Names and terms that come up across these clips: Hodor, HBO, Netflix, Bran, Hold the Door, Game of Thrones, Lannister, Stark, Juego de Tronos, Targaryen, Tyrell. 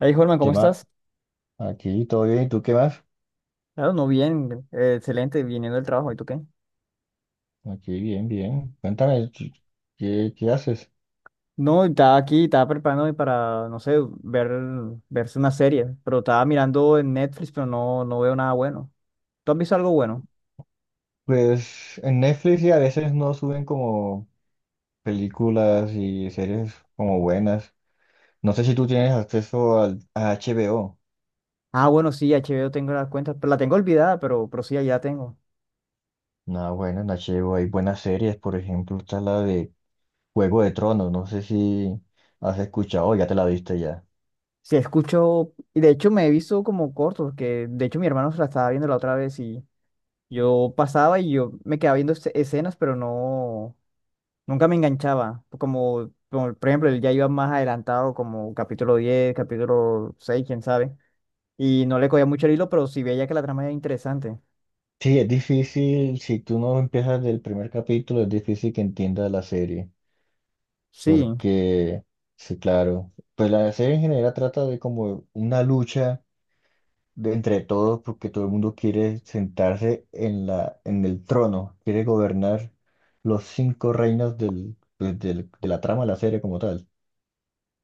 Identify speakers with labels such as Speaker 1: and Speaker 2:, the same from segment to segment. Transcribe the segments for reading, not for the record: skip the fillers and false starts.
Speaker 1: Hey, Holman,
Speaker 2: ¿Qué
Speaker 1: ¿cómo
Speaker 2: más?
Speaker 1: estás?
Speaker 2: Aquí todo bien, ¿y tú qué más?
Speaker 1: Claro, no, bien, excelente, viniendo del trabajo, ¿y tú qué?
Speaker 2: Aquí bien, bien. Cuéntame, ¿qué haces?
Speaker 1: No, estaba aquí, estaba preparándome para, no sé, ver, verse una serie, pero estaba mirando en Netflix, pero no, no veo nada bueno. ¿Tú has visto algo bueno?
Speaker 2: Pues en Netflix y a veces no suben como películas y series como buenas. No sé si tú tienes acceso a HBO.
Speaker 1: Ah, bueno, sí, HBO tengo las cuentas, pero la tengo olvidada, pero sí, allá tengo.
Speaker 2: No, bueno, en HBO hay buenas series, por ejemplo, está la de Juego de Tronos. No sé si has escuchado, o ya te la viste ya.
Speaker 1: Sí, escucho, y de hecho me he visto como cortos, que de hecho mi hermano se la estaba viendo la otra vez y yo pasaba y yo me quedaba viendo escenas, pero no. Nunca me enganchaba, como, por ejemplo, él ya iba más adelantado, como capítulo 10 capítulo 6 quién sabe, y no le cogía mucho el hilo, pero sí veía que la trama era interesante.
Speaker 2: Sí, es difícil, si tú no empiezas del primer capítulo, es difícil que entiendas la serie.
Speaker 1: Sí,
Speaker 2: Porque, sí, claro, pues la serie en general trata de como una lucha de entre todos, porque todo el mundo quiere sentarse en en el trono, quiere gobernar los cinco reinos del de la trama de la serie como tal.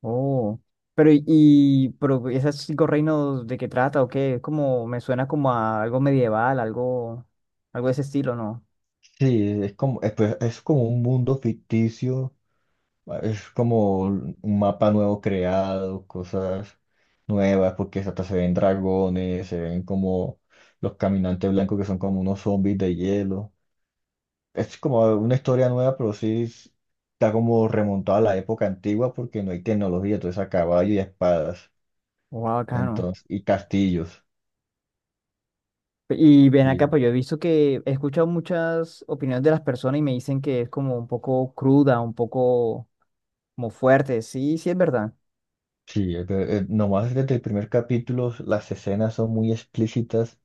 Speaker 1: oh, pero esos cinco reinos de qué trata o qué, es como, me suena como a algo medieval, algo de ese estilo, ¿no?
Speaker 2: Sí, es como, es, pues, es como un mundo ficticio, es como un mapa nuevo creado, cosas nuevas, porque hasta se ven dragones, se ven como los caminantes blancos que son como unos zombies de hielo. Es como una historia nueva, está como remontada a la época antigua porque no hay tecnología, entonces a caballo y a espadas,
Speaker 1: Wow, bacano.
Speaker 2: entonces, y castillos.
Speaker 1: Y ven
Speaker 2: Sí,
Speaker 1: acá, pues yo he visto que he escuchado muchas opiniones de las personas y me dicen que es como un poco cruda, un poco como fuerte, sí, sí es verdad.
Speaker 2: sí, pero, nomás desde el primer capítulo las escenas son muy explícitas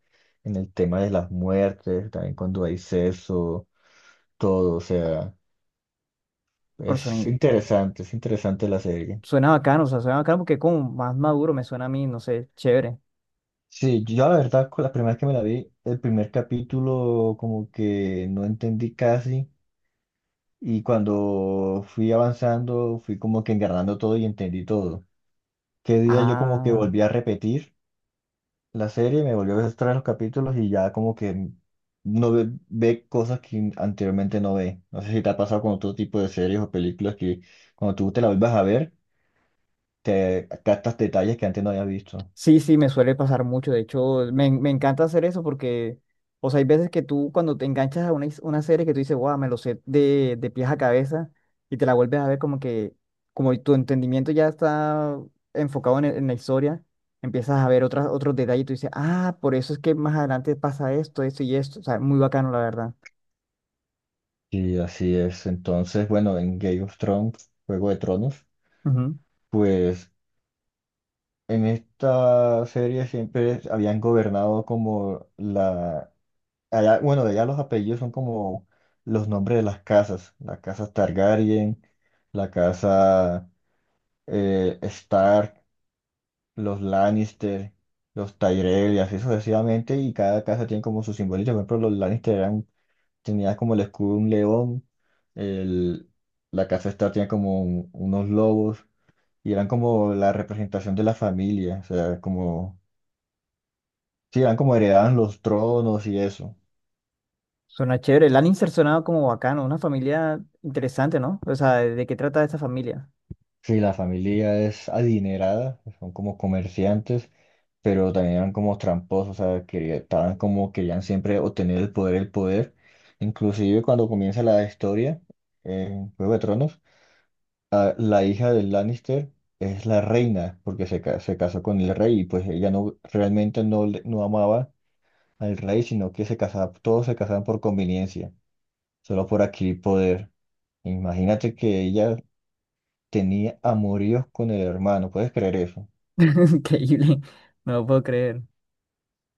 Speaker 2: en el tema de las muertes, también cuando hay sexo, todo, o sea,
Speaker 1: Pero suena,
Speaker 2: es interesante la serie.
Speaker 1: suena bacano, o sea, suena bacano porque como más maduro me suena a mí, no sé, chévere.
Speaker 2: Sí, yo la verdad, con la primera vez que me la vi, el primer capítulo como que no entendí casi. Y cuando fui avanzando, fui como que engarrando todo y entendí todo. Qué día yo como que
Speaker 1: Ah,
Speaker 2: volví a repetir la serie, me volvió a ver los capítulos y ya como que no ve, ve cosas que anteriormente no ve. No sé si te ha pasado con otro tipo de series o películas que cuando tú te la vuelvas a ver, te captas detalles que antes no habías visto.
Speaker 1: sí, sí, me suele pasar mucho. De hecho, me encanta hacer eso porque, o sea, hay veces que tú cuando te enganchas a una, una serie que tú dices, wow, me lo sé de pies a cabeza y te la vuelves a ver como que, como tu entendimiento ya está enfocado en la historia, empiezas a ver otros detalles y tú dices, ah, por eso es que más adelante pasa esto, esto y esto. O sea, muy bacano, la verdad.
Speaker 2: Y así es. Entonces, bueno, en Game of Thrones, Juego de Tronos,
Speaker 1: Ujú.
Speaker 2: pues en esta serie siempre habían gobernado como la... Allá, bueno, de allá los apellidos son como los nombres de las casas. La casa Targaryen, la casa Stark, los Lannister, los Tyrell y así sucesivamente. Y cada casa tiene como su simbolismo. Por ejemplo, los Lannister eran, tenían como el escudo de un león. el- la casa Stark tenía como unos lobos. Y eran como la representación de la familia. O sea, como... Sí, eran como heredaban los tronos y eso.
Speaker 1: Suena chévere. La han insercionado como bacano. Una familia interesante, ¿no? O sea, ¿de qué trata esa familia?
Speaker 2: Sí, la familia es adinerada, son como comerciantes, pero también eran como tramposos, o sea, que estaban como querían siempre obtener el poder, el poder. Inclusive cuando comienza la historia en Juego de Tronos, la hija del Lannister es la reina, porque se casó con el rey y pues ella no realmente no, no amaba al rey, sino que se casaba, todos se casaban por conveniencia, solo por adquirir poder. Imagínate que ella tenía amoríos con el hermano, ¿puedes creer eso?
Speaker 1: Increíble. No lo puedo creer.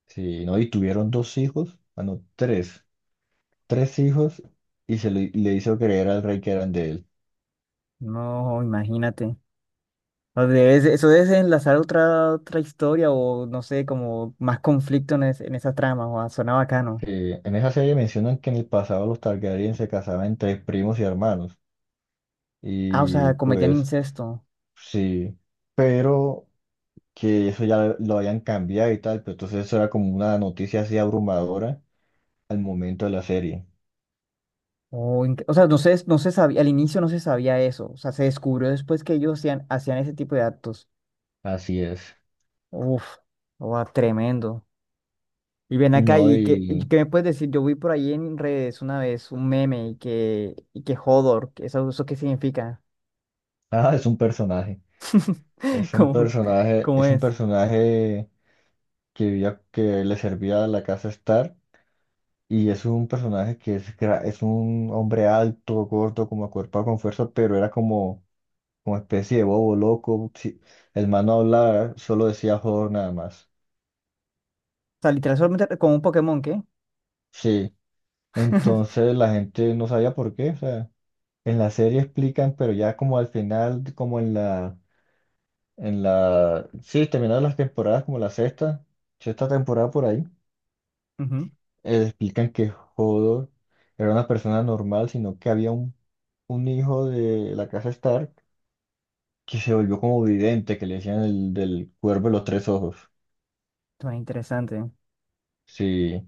Speaker 2: Sí, ¿no? Y tuvieron dos hijos, ah, no, tres, tres hijos y le hizo creer al rey que eran de él.
Speaker 1: No, imagínate. Eso debe enlazar otra historia o no sé, como más conflicto en esa trama. O ah, suena bacano.
Speaker 2: En esa serie mencionan que en el pasado los Targaryen se casaban entre primos y hermanos
Speaker 1: Ah, o
Speaker 2: y
Speaker 1: sea, cometían
Speaker 2: pues
Speaker 1: incesto.
Speaker 2: sí, pero que eso ya lo habían cambiado y tal, pero entonces eso era como una noticia así abrumadora al momento de la serie.
Speaker 1: O sea, no se sabía, al inicio no se sabía eso. O sea, se descubrió después que ellos hacían ese tipo de actos.
Speaker 2: Así es.
Speaker 1: Uf, o ah, tremendo. Y ven acá,
Speaker 2: No,
Speaker 1: ¿y qué, y
Speaker 2: y...
Speaker 1: qué me puedes decir? Yo vi por ahí en redes una vez un meme y que, Hodor, que ¿eso qué significa?
Speaker 2: Ah, es un personaje. Es un
Speaker 1: ¿Cómo,
Speaker 2: personaje,
Speaker 1: cómo
Speaker 2: es un
Speaker 1: es? O
Speaker 2: personaje que vivía, que le servía a la casa Star y es un personaje que es, es un hombre alto, gordo, como acuerpado con fuerza, pero era como, como especie de bobo loco. Sí, el man no hablaba, solo decía joder nada más.
Speaker 1: sea, literal, solamente como un Pokémon, ¿qué?
Speaker 2: Sí, entonces la gente no sabía por qué, o sea, en la serie explican, pero ya como al final, como en sí, terminaron las temporadas, como la sexta, sexta temporada por ahí,
Speaker 1: Ujú,
Speaker 2: explican que Hodor era una persona normal, sino que había un hijo de la casa Stark que se volvió como vidente, que le decían el del cuervo de los tres ojos.
Speaker 1: suena interesante.
Speaker 2: Sí.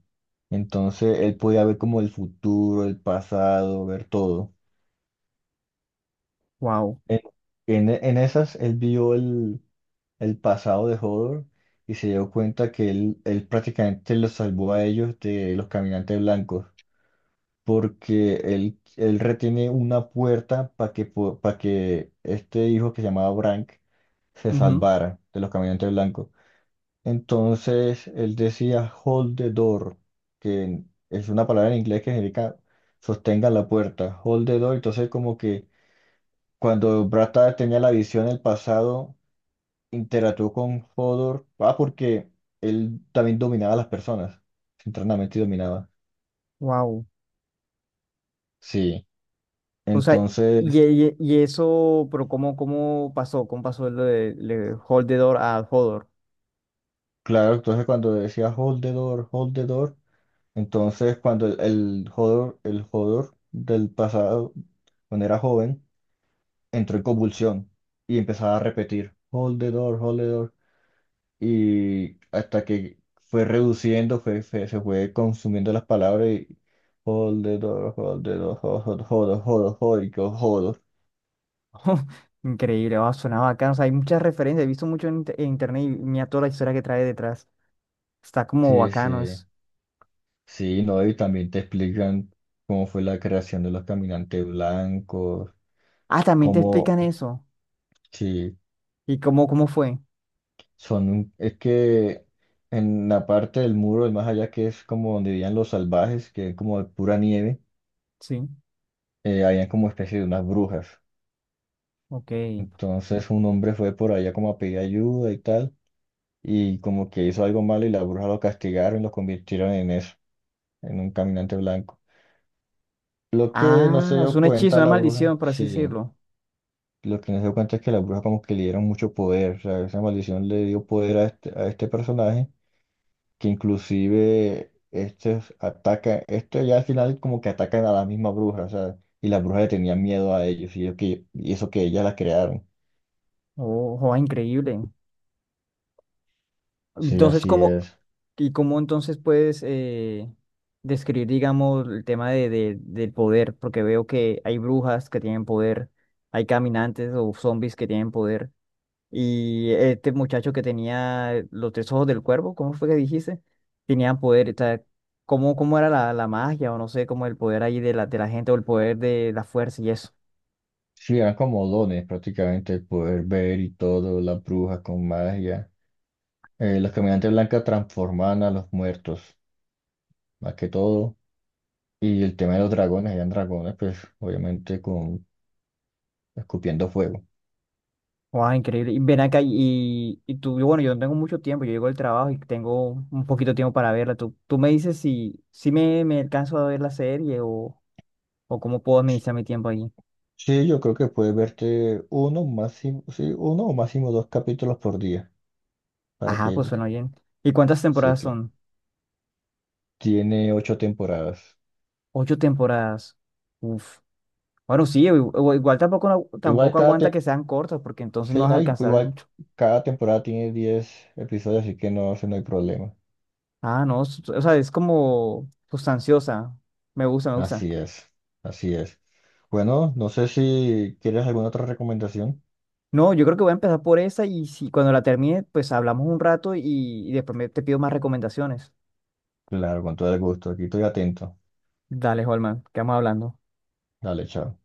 Speaker 2: Entonces él podía ver como el futuro, el pasado, ver todo.
Speaker 1: Wow.
Speaker 2: En, en esas él vio el pasado de Hodor y se dio cuenta que él prácticamente los salvó a ellos de los caminantes blancos. Porque él retiene una puerta para para que este hijo que se llamaba Brank se salvara de los caminantes blancos. Entonces él decía hold the door, que es una palabra en inglés que significa sostenga la puerta, hold the door. Entonces como que cuando Brata tenía la visión del pasado, interactuó con Hodor, ah, porque él también dominaba a las personas, internamente dominaba.
Speaker 1: Wow.
Speaker 2: Sí.
Speaker 1: O sea, y,
Speaker 2: Entonces...
Speaker 1: y- y eso, pero ¿cómo pasó? ¿Cómo pasó lo de Hold the Door a Hodor?
Speaker 2: Claro, entonces cuando decía hold the door, entonces cuando el jugador del pasado, cuando era joven, entró en convulsión y empezaba a repetir hold the door, y hasta que fue reduciendo, se fue consumiendo las palabras y hold the door, hold the door, hold, hold, hold, hold, y que hold.
Speaker 1: Increíble, ah, suena bacano. O sea, hay muchas referencias, he visto mucho en internet y mira toda la historia que trae detrás. Está como
Speaker 2: Sí,
Speaker 1: bacano,
Speaker 2: sí,
Speaker 1: es.
Speaker 2: sí, no, y también te explican cómo fue la creación de los caminantes blancos,
Speaker 1: Ah, también te
Speaker 2: cómo.
Speaker 1: explican eso.
Speaker 2: Sí,
Speaker 1: ¿Y cómo fue?
Speaker 2: son es que en la parte del muro, de más allá que es como donde vivían los salvajes, que es como de pura nieve,
Speaker 1: Sí,
Speaker 2: habían como especie de unas brujas.
Speaker 1: ok.
Speaker 2: Entonces un hombre fue por allá como a pedir ayuda y tal, y como que hizo algo malo y las brujas lo castigaron y lo convirtieron en eso, en un caminante blanco. Lo que no se
Speaker 1: Ah, es
Speaker 2: dio
Speaker 1: un hechizo,
Speaker 2: cuenta
Speaker 1: una
Speaker 2: la bruja,
Speaker 1: maldición, por así
Speaker 2: sí,
Speaker 1: decirlo.
Speaker 2: lo que no se dio cuenta es que la bruja como que le dieron mucho poder, o sea, esa maldición le dio poder a este personaje que inclusive estos atacan, esto ya al final como que atacan a la misma bruja, o sea, y la bruja le tenía miedo a ellos, y, yo que, y eso que ellas la crearon.
Speaker 1: Oh, joa, increíble.
Speaker 2: Sí,
Speaker 1: Entonces,
Speaker 2: así es.
Speaker 1: y cómo entonces puedes describir, digamos, el tema del poder? Porque veo que hay brujas que tienen poder, hay caminantes o zombies que tienen poder. Y este muchacho que tenía los tres ojos del cuervo, ¿cómo fue que dijiste? Tenían poder, o sea, ¿cómo era la magia o no sé, como el poder ahí de la gente o el poder de la fuerza y eso?
Speaker 2: Sí, eran como dones prácticamente el poder ver y todo, las brujas con magia. Los caminantes blancas transformaban a los muertos, más que todo. Y el tema de los dragones, eran dragones, pues obviamente con escupiendo fuego.
Speaker 1: Wow, increíble. Y ven acá y, tú, y bueno, yo no tengo mucho tiempo, yo llego del trabajo y tengo un poquito de tiempo para verla. Tú me dices si, si me alcanzo a ver la serie o cómo puedo administrar mi tiempo ahí.
Speaker 2: Sí, yo creo que puedes verte uno, máximo, sí, uno o máximo dos capítulos por día. Para
Speaker 1: Ajá, pues
Speaker 2: que
Speaker 1: suena bien. ¿Y cuántas temporadas
Speaker 2: ciclo.
Speaker 1: son?
Speaker 2: Tiene ocho temporadas.
Speaker 1: Ocho temporadas. Uf. Bueno, sí, igual tampoco, no-
Speaker 2: Igual
Speaker 1: tampoco aguanta que sean cortos, porque entonces no
Speaker 2: sí,
Speaker 1: vas a
Speaker 2: no,
Speaker 1: alcanzar a ver
Speaker 2: igual
Speaker 1: mucho.
Speaker 2: cada temporada tiene diez episodios, así que no, eso no hay problema.
Speaker 1: Ah, no, o sea, es como sustanciosa. Me gusta, me gusta.
Speaker 2: Así es, así es. Bueno, no sé si quieres alguna otra recomendación.
Speaker 1: No, yo creo que voy a empezar por esa y si cuando la termine, pues hablamos un rato y después te pido más recomendaciones.
Speaker 2: Claro, con todo el gusto. Aquí estoy atento.
Speaker 1: Dale, Holman, quedamos hablando.
Speaker 2: Dale, chao.